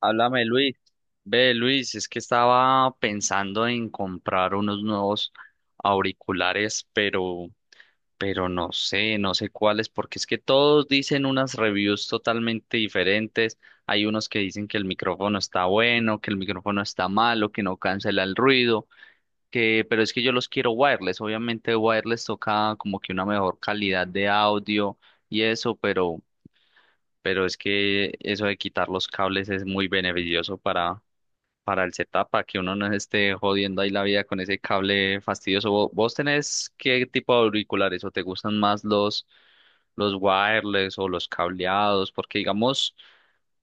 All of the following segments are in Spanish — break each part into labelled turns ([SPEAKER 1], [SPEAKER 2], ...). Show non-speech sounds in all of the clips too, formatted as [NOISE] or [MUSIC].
[SPEAKER 1] Háblame, Luis. Ve, Luis, es que estaba pensando en comprar unos nuevos auriculares, pero no sé, no sé cuáles, porque es que todos dicen unas reviews totalmente diferentes. Hay unos que dicen que el micrófono está bueno, que el micrófono está malo, que no cancela el ruido, que, pero es que yo los quiero wireless. Obviamente wireless toca como que una mejor calidad de audio y eso, pero es que eso de quitar los cables es muy beneficioso para el setup, para que uno no se esté jodiendo ahí la vida con ese cable fastidioso. ¿Vos tenés qué tipo de auriculares o te gustan más los wireless o los cableados? Porque digamos,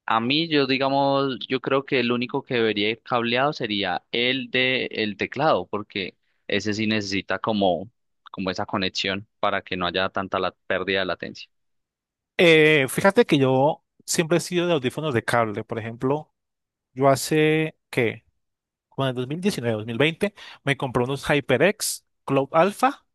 [SPEAKER 1] a mí yo digamos, yo creo que el único que debería ir cableado sería el de el teclado, porque ese sí necesita como esa conexión para que no haya tanta la pérdida de latencia.
[SPEAKER 2] Fíjate que yo siempre he sido de audífonos de cable. Por ejemplo, yo hace, ¿qué? Como en el 2019, 2020, me compré unos HyperX Cloud Alpha,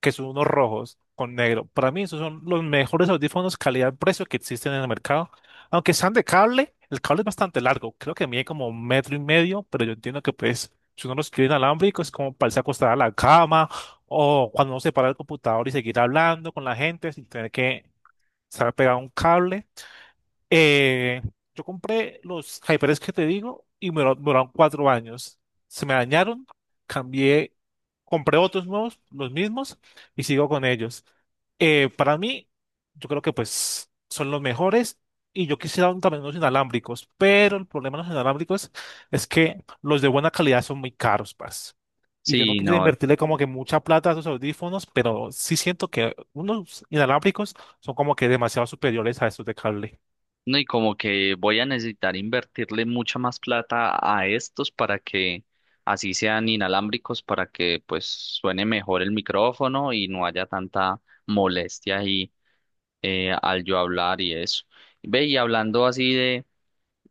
[SPEAKER 2] que son unos rojos con negro. Para mí, esos son los mejores audífonos calidad-precio que existen en el mercado. Aunque sean de cable, el cable es bastante largo. Creo que mide como un metro y medio, pero yo entiendo que, pues, si uno los quiere inalámbricos, es como para irse acostar a la cama o cuando uno se para el computador y seguir hablando con la gente sin tener que estar pegado a un cable. Eh, yo compré los HyperX que te digo y me duraron 4 años. Se me dañaron, cambié, compré otros nuevos, los mismos, y sigo con ellos. Para mí, yo creo que pues son los mejores y yo quisiera también unos inalámbricos, pero el problema de los inalámbricos es que los de buena calidad son muy caros, parce. Y yo no
[SPEAKER 1] Sí,
[SPEAKER 2] quisiera
[SPEAKER 1] no.
[SPEAKER 2] invertirle como que mucha plata a esos audífonos, pero sí siento que unos inalámbricos son como que demasiado superiores a esos de cable.
[SPEAKER 1] No, y como que voy a necesitar invertirle mucha más plata a estos para que así sean inalámbricos, para que pues suene mejor el micrófono y no haya tanta molestia ahí al yo hablar y eso. Ve, y hablando así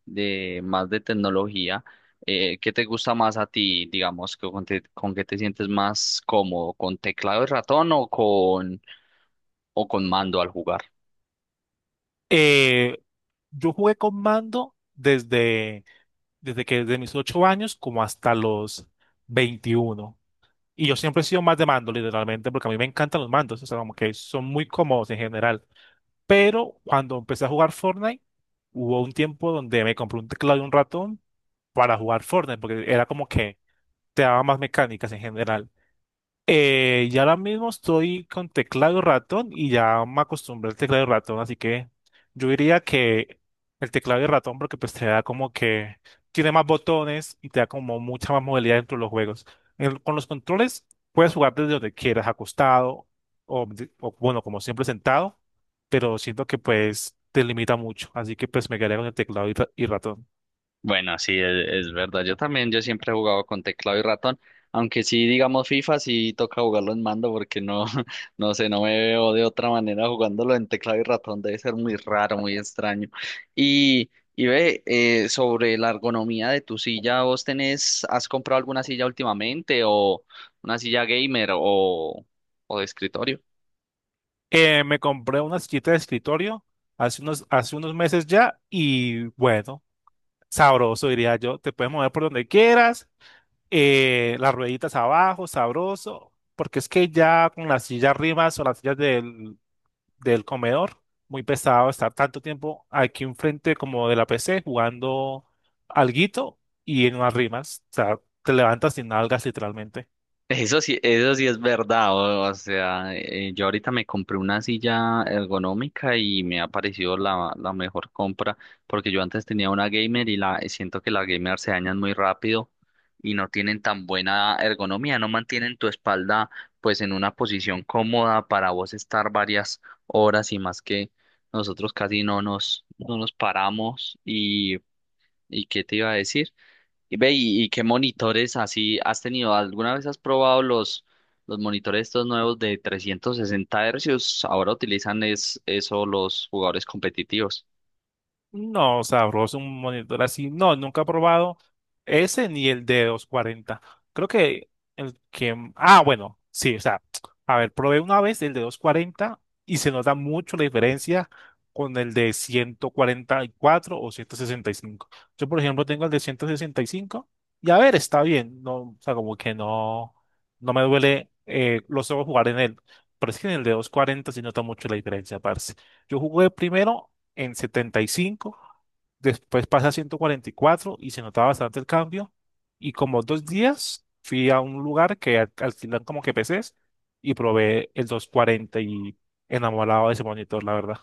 [SPEAKER 1] de más de tecnología, ¿qué te gusta más a ti? Digamos, con qué te sientes más cómodo, ¿con teclado y ratón o con mando al jugar?
[SPEAKER 2] Eh, yo jugué con mando desde mis 8 años como hasta los 21. Y yo siempre he sido más de mando, literalmente, porque a mí me encantan los mandos, o sea, como que son muy cómodos en general. Pero cuando empecé a jugar Fortnite, hubo un tiempo donde me compré un teclado y un ratón para jugar Fortnite, porque era como que te daba más mecánicas en general. Y ahora mismo estoy con teclado y ratón y ya me acostumbré al teclado y ratón, así que yo diría que el teclado y ratón porque pues te da como que tiene más botones y te da como mucha más movilidad dentro de los juegos. Con los controles puedes jugar desde donde quieras, acostado o, bueno, como siempre sentado, pero siento que pues te limita mucho, así que pues me quedaría con el teclado y, y ratón.
[SPEAKER 1] Bueno, sí, es verdad. Yo también, yo siempre he jugado con teclado y ratón, aunque sí, digamos, FIFA sí toca jugarlo en mando porque no, [LAUGHS] no sé, no me veo de otra manera jugándolo en teclado y ratón. Debe ser muy raro, muy extraño. Y, y ve, sobre la ergonomía de tu silla, ¿vos tenés, has comprado alguna silla últimamente o una silla gamer o de escritorio?
[SPEAKER 2] Me compré una sillita de escritorio hace unos meses ya y bueno. Sabroso, diría yo. Te puedes mover por donde quieras, las rueditas abajo, sabroso, porque es que ya con las sillas rimas o las sillas del comedor, muy pesado estar tanto tiempo aquí enfrente como de la PC jugando alguito y en unas rimas. O sea, te levantas sin nalgas literalmente.
[SPEAKER 1] Eso sí es verdad, o sea, yo ahorita me compré una silla ergonómica y me ha parecido la mejor compra, porque yo antes tenía una gamer y la siento que las gamer se dañan muy rápido y no tienen tan buena ergonomía, no mantienen tu espalda pues en una posición cómoda para vos estar varias horas y más que nosotros casi no nos paramos ¿y qué te iba a decir? Y ve, y ¿qué monitores así has tenido? ¿Alguna vez has probado los monitores estos nuevos de 360 hercios? Ahora utilizan es, eso los jugadores competitivos.
[SPEAKER 2] No, sabroso, un monitor así. No, nunca he probado ese ni el de 240. Creo que el que... Ah, bueno, sí, o sea, a ver, probé una vez el de 240 y se nota mucho la diferencia con el de 144 o 165. Yo, por ejemplo, tengo el de 165 y cinco y a ver, está bien. No, o sea, como que no, no me duele los ojos jugar en él. Pero es que en el de 240 sí nota mucho la diferencia, parce. Yo jugué primero en 75, después pasé a 144 y se notaba bastante el cambio. Y como dos días fui a un lugar que alquilan como que PCs y probé el 240 y enamorado de ese monitor, la verdad.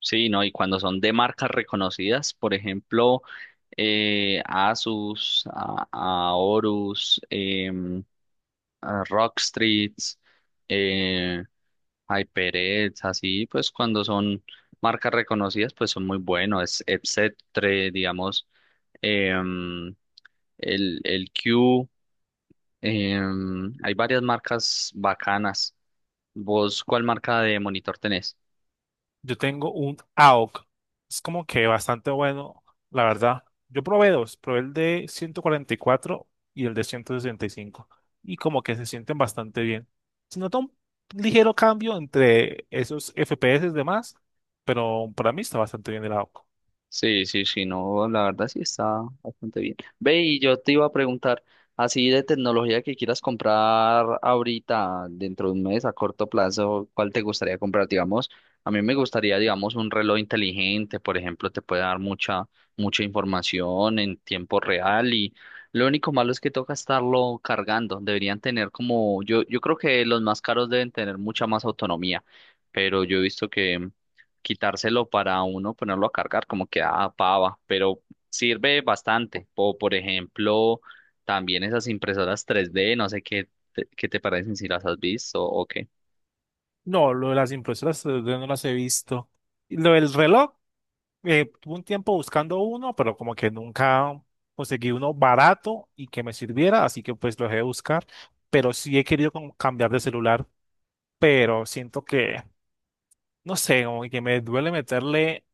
[SPEAKER 1] Sí, ¿no? Y cuando son de marcas reconocidas, por ejemplo, Asus, a Horus, a Rockstreet, eh, HyperX, así, pues cuando son marcas reconocidas, pues son muy buenos, es etc., digamos. em, el Q. Hay varias marcas bacanas. ¿Vos cuál marca de monitor tenés?
[SPEAKER 2] Yo tengo un AOC. Es como que bastante bueno, la verdad. Yo probé dos, probé el de 144 y el de 165 y como que se sienten bastante bien. Se nota un ligero cambio entre esos FPS y demás, pero para mí está bastante bien el AOC.
[SPEAKER 1] Sí, sí, sí, no, la verdad sí está bastante bien. Ve, y yo te iba a preguntar, así de tecnología que quieras comprar ahorita, dentro de un mes, a corto plazo, ¿cuál te gustaría comprar? Digamos, a mí me gustaría, digamos, un reloj inteligente, por ejemplo, te puede dar mucha información en tiempo real y lo único malo es que toca estarlo cargando. Deberían tener como, yo creo que los más caros deben tener mucha más autonomía, pero yo he visto que quitárselo para uno ponerlo a cargar, como que ah, pava, pero sirve bastante. O por ejemplo, también esas impresoras 3D, no sé qué te parecen si las has visto o qué.
[SPEAKER 2] No, lo de las impresoras 3D no las he visto. Y lo del reloj, tuve un tiempo buscando uno, pero como que nunca conseguí uno barato y que me sirviera, así que pues lo dejé de buscar. Pero sí he querido como cambiar de celular, pero siento que, no sé, como que me duele meterle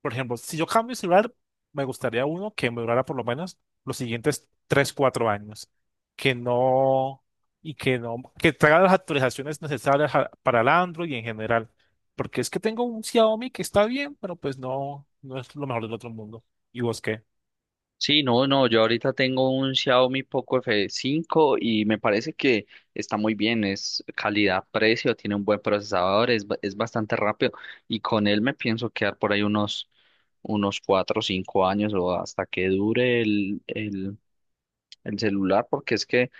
[SPEAKER 2] por ejemplo, si yo cambio el celular, me gustaría uno que me durara por lo menos los siguientes 3 4 años, que no, y que no, que traiga las actualizaciones necesarias para el Android y en general, porque es que tengo un Xiaomi que está bien, pero pues no, no es lo mejor del otro mundo. ¿Y vos qué?
[SPEAKER 1] Sí, no, no, yo ahorita tengo un Xiaomi Poco f cinco y me parece que está muy bien, es calidad-precio, tiene un buen procesador, es bastante rápido y con él me pienso quedar por ahí unos 4 o 5 años o hasta que dure el celular porque es que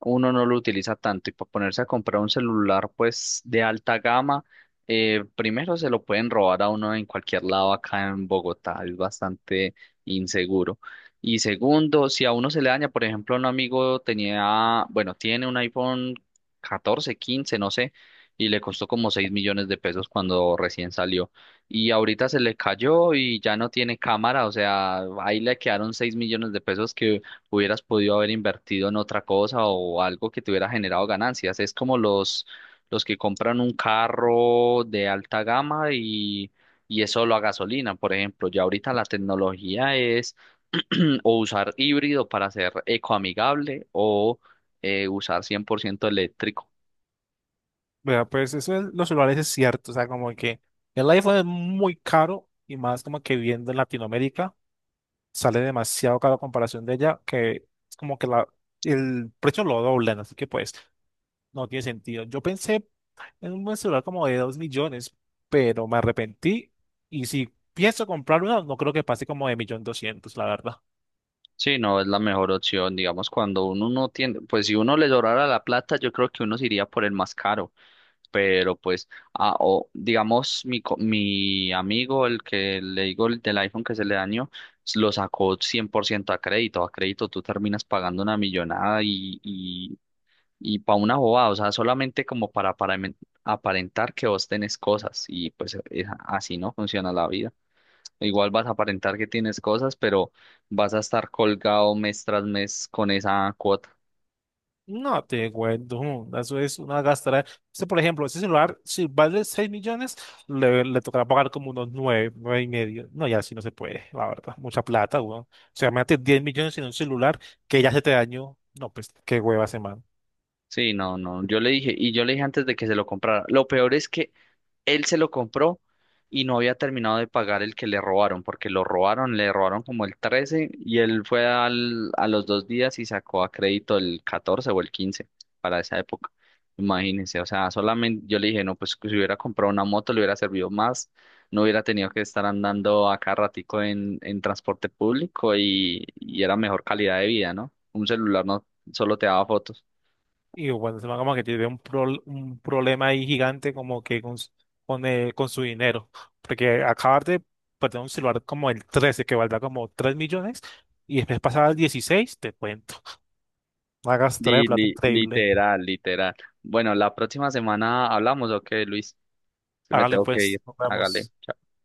[SPEAKER 1] uno no lo utiliza tanto y para ponerse a comprar un celular pues de alta gama, primero se lo pueden robar a uno en cualquier lado acá en Bogotá, es bastante inseguro. Y segundo, si a uno se le daña, por ejemplo, un amigo tenía, bueno, tiene un iPhone 14, 15, no sé, y le costó como 6 millones de pesos cuando recién salió. Y ahorita se le cayó y ya no tiene cámara, o sea, ahí le quedaron 6 millones de pesos que hubieras podido haber invertido en otra cosa o algo que te hubiera generado ganancias. Es como los que compran un carro de alta gama y es solo a gasolina, por ejemplo. Ya ahorita la tecnología es [CLEARS THROAT] o usar híbrido para ser ecoamigable o usar 100% eléctrico.
[SPEAKER 2] Vea, pues eso es, los celulares es cierto, o sea, como que el iPhone es muy caro y más como que viendo en Latinoamérica, sale demasiado caro a comparación de ella, que es como que la el precio lo doblan, así que pues no tiene sentido. Yo pensé en un buen celular como de 2 millones, pero me arrepentí. Y si pienso comprar uno, no creo que pase como de millón doscientos, la verdad.
[SPEAKER 1] Sí, no es la mejor opción, digamos, cuando uno no tiene, pues si uno le sobrara la plata, yo creo que uno se iría por el más caro. Pero pues, ah, o digamos, mi amigo, el que le digo el del iPhone que se le dañó, lo sacó 100% a crédito. A crédito tú terminas pagando una millonada y para una bobada, o sea, solamente como aparentar que vos tenés cosas y pues así no funciona la vida. Igual vas a aparentar que tienes cosas, pero vas a estar colgado mes tras mes con esa cuota.
[SPEAKER 2] No te cuento, [LAUGHS] eso es una gastadera. Este, por ejemplo, ese celular, si vale 6 millones, le tocará pagar como unos 9, 9 y medio. No, ya así no se puede, la verdad. Mucha plata, weón. O sea, imagínate 10 millones en un celular que ya se te dañó. No, pues qué hueva se.
[SPEAKER 1] Sí, no, no, yo le dije, y yo le dije antes de que se lo comprara, lo peor es que él se lo compró y no había terminado de pagar el que le robaron, porque lo robaron, le robaron como el 13 y él fue al, a los dos días y sacó a crédito el 14 o el 15 para esa época. Imagínense, o sea, solamente yo le dije, no, pues si hubiera comprado una moto le hubiera servido más, no hubiera tenido que estar andando acá ratico en transporte público y era mejor calidad de vida, ¿no? Un celular no solo te daba fotos.
[SPEAKER 2] Y bueno, se como que tiene un problema ahí gigante como que con su dinero. Porque acabas de perder un celular como el 13 que valdrá como 3 millones, y después pasar al 16 te cuento. Hagas traer plata increíble.
[SPEAKER 1] Literal, literal. Bueno, la próxima semana hablamos, ok, Luis, que me
[SPEAKER 2] Hágale
[SPEAKER 1] tengo que
[SPEAKER 2] pues,
[SPEAKER 1] ir.
[SPEAKER 2] nos
[SPEAKER 1] Hágale.
[SPEAKER 2] vemos.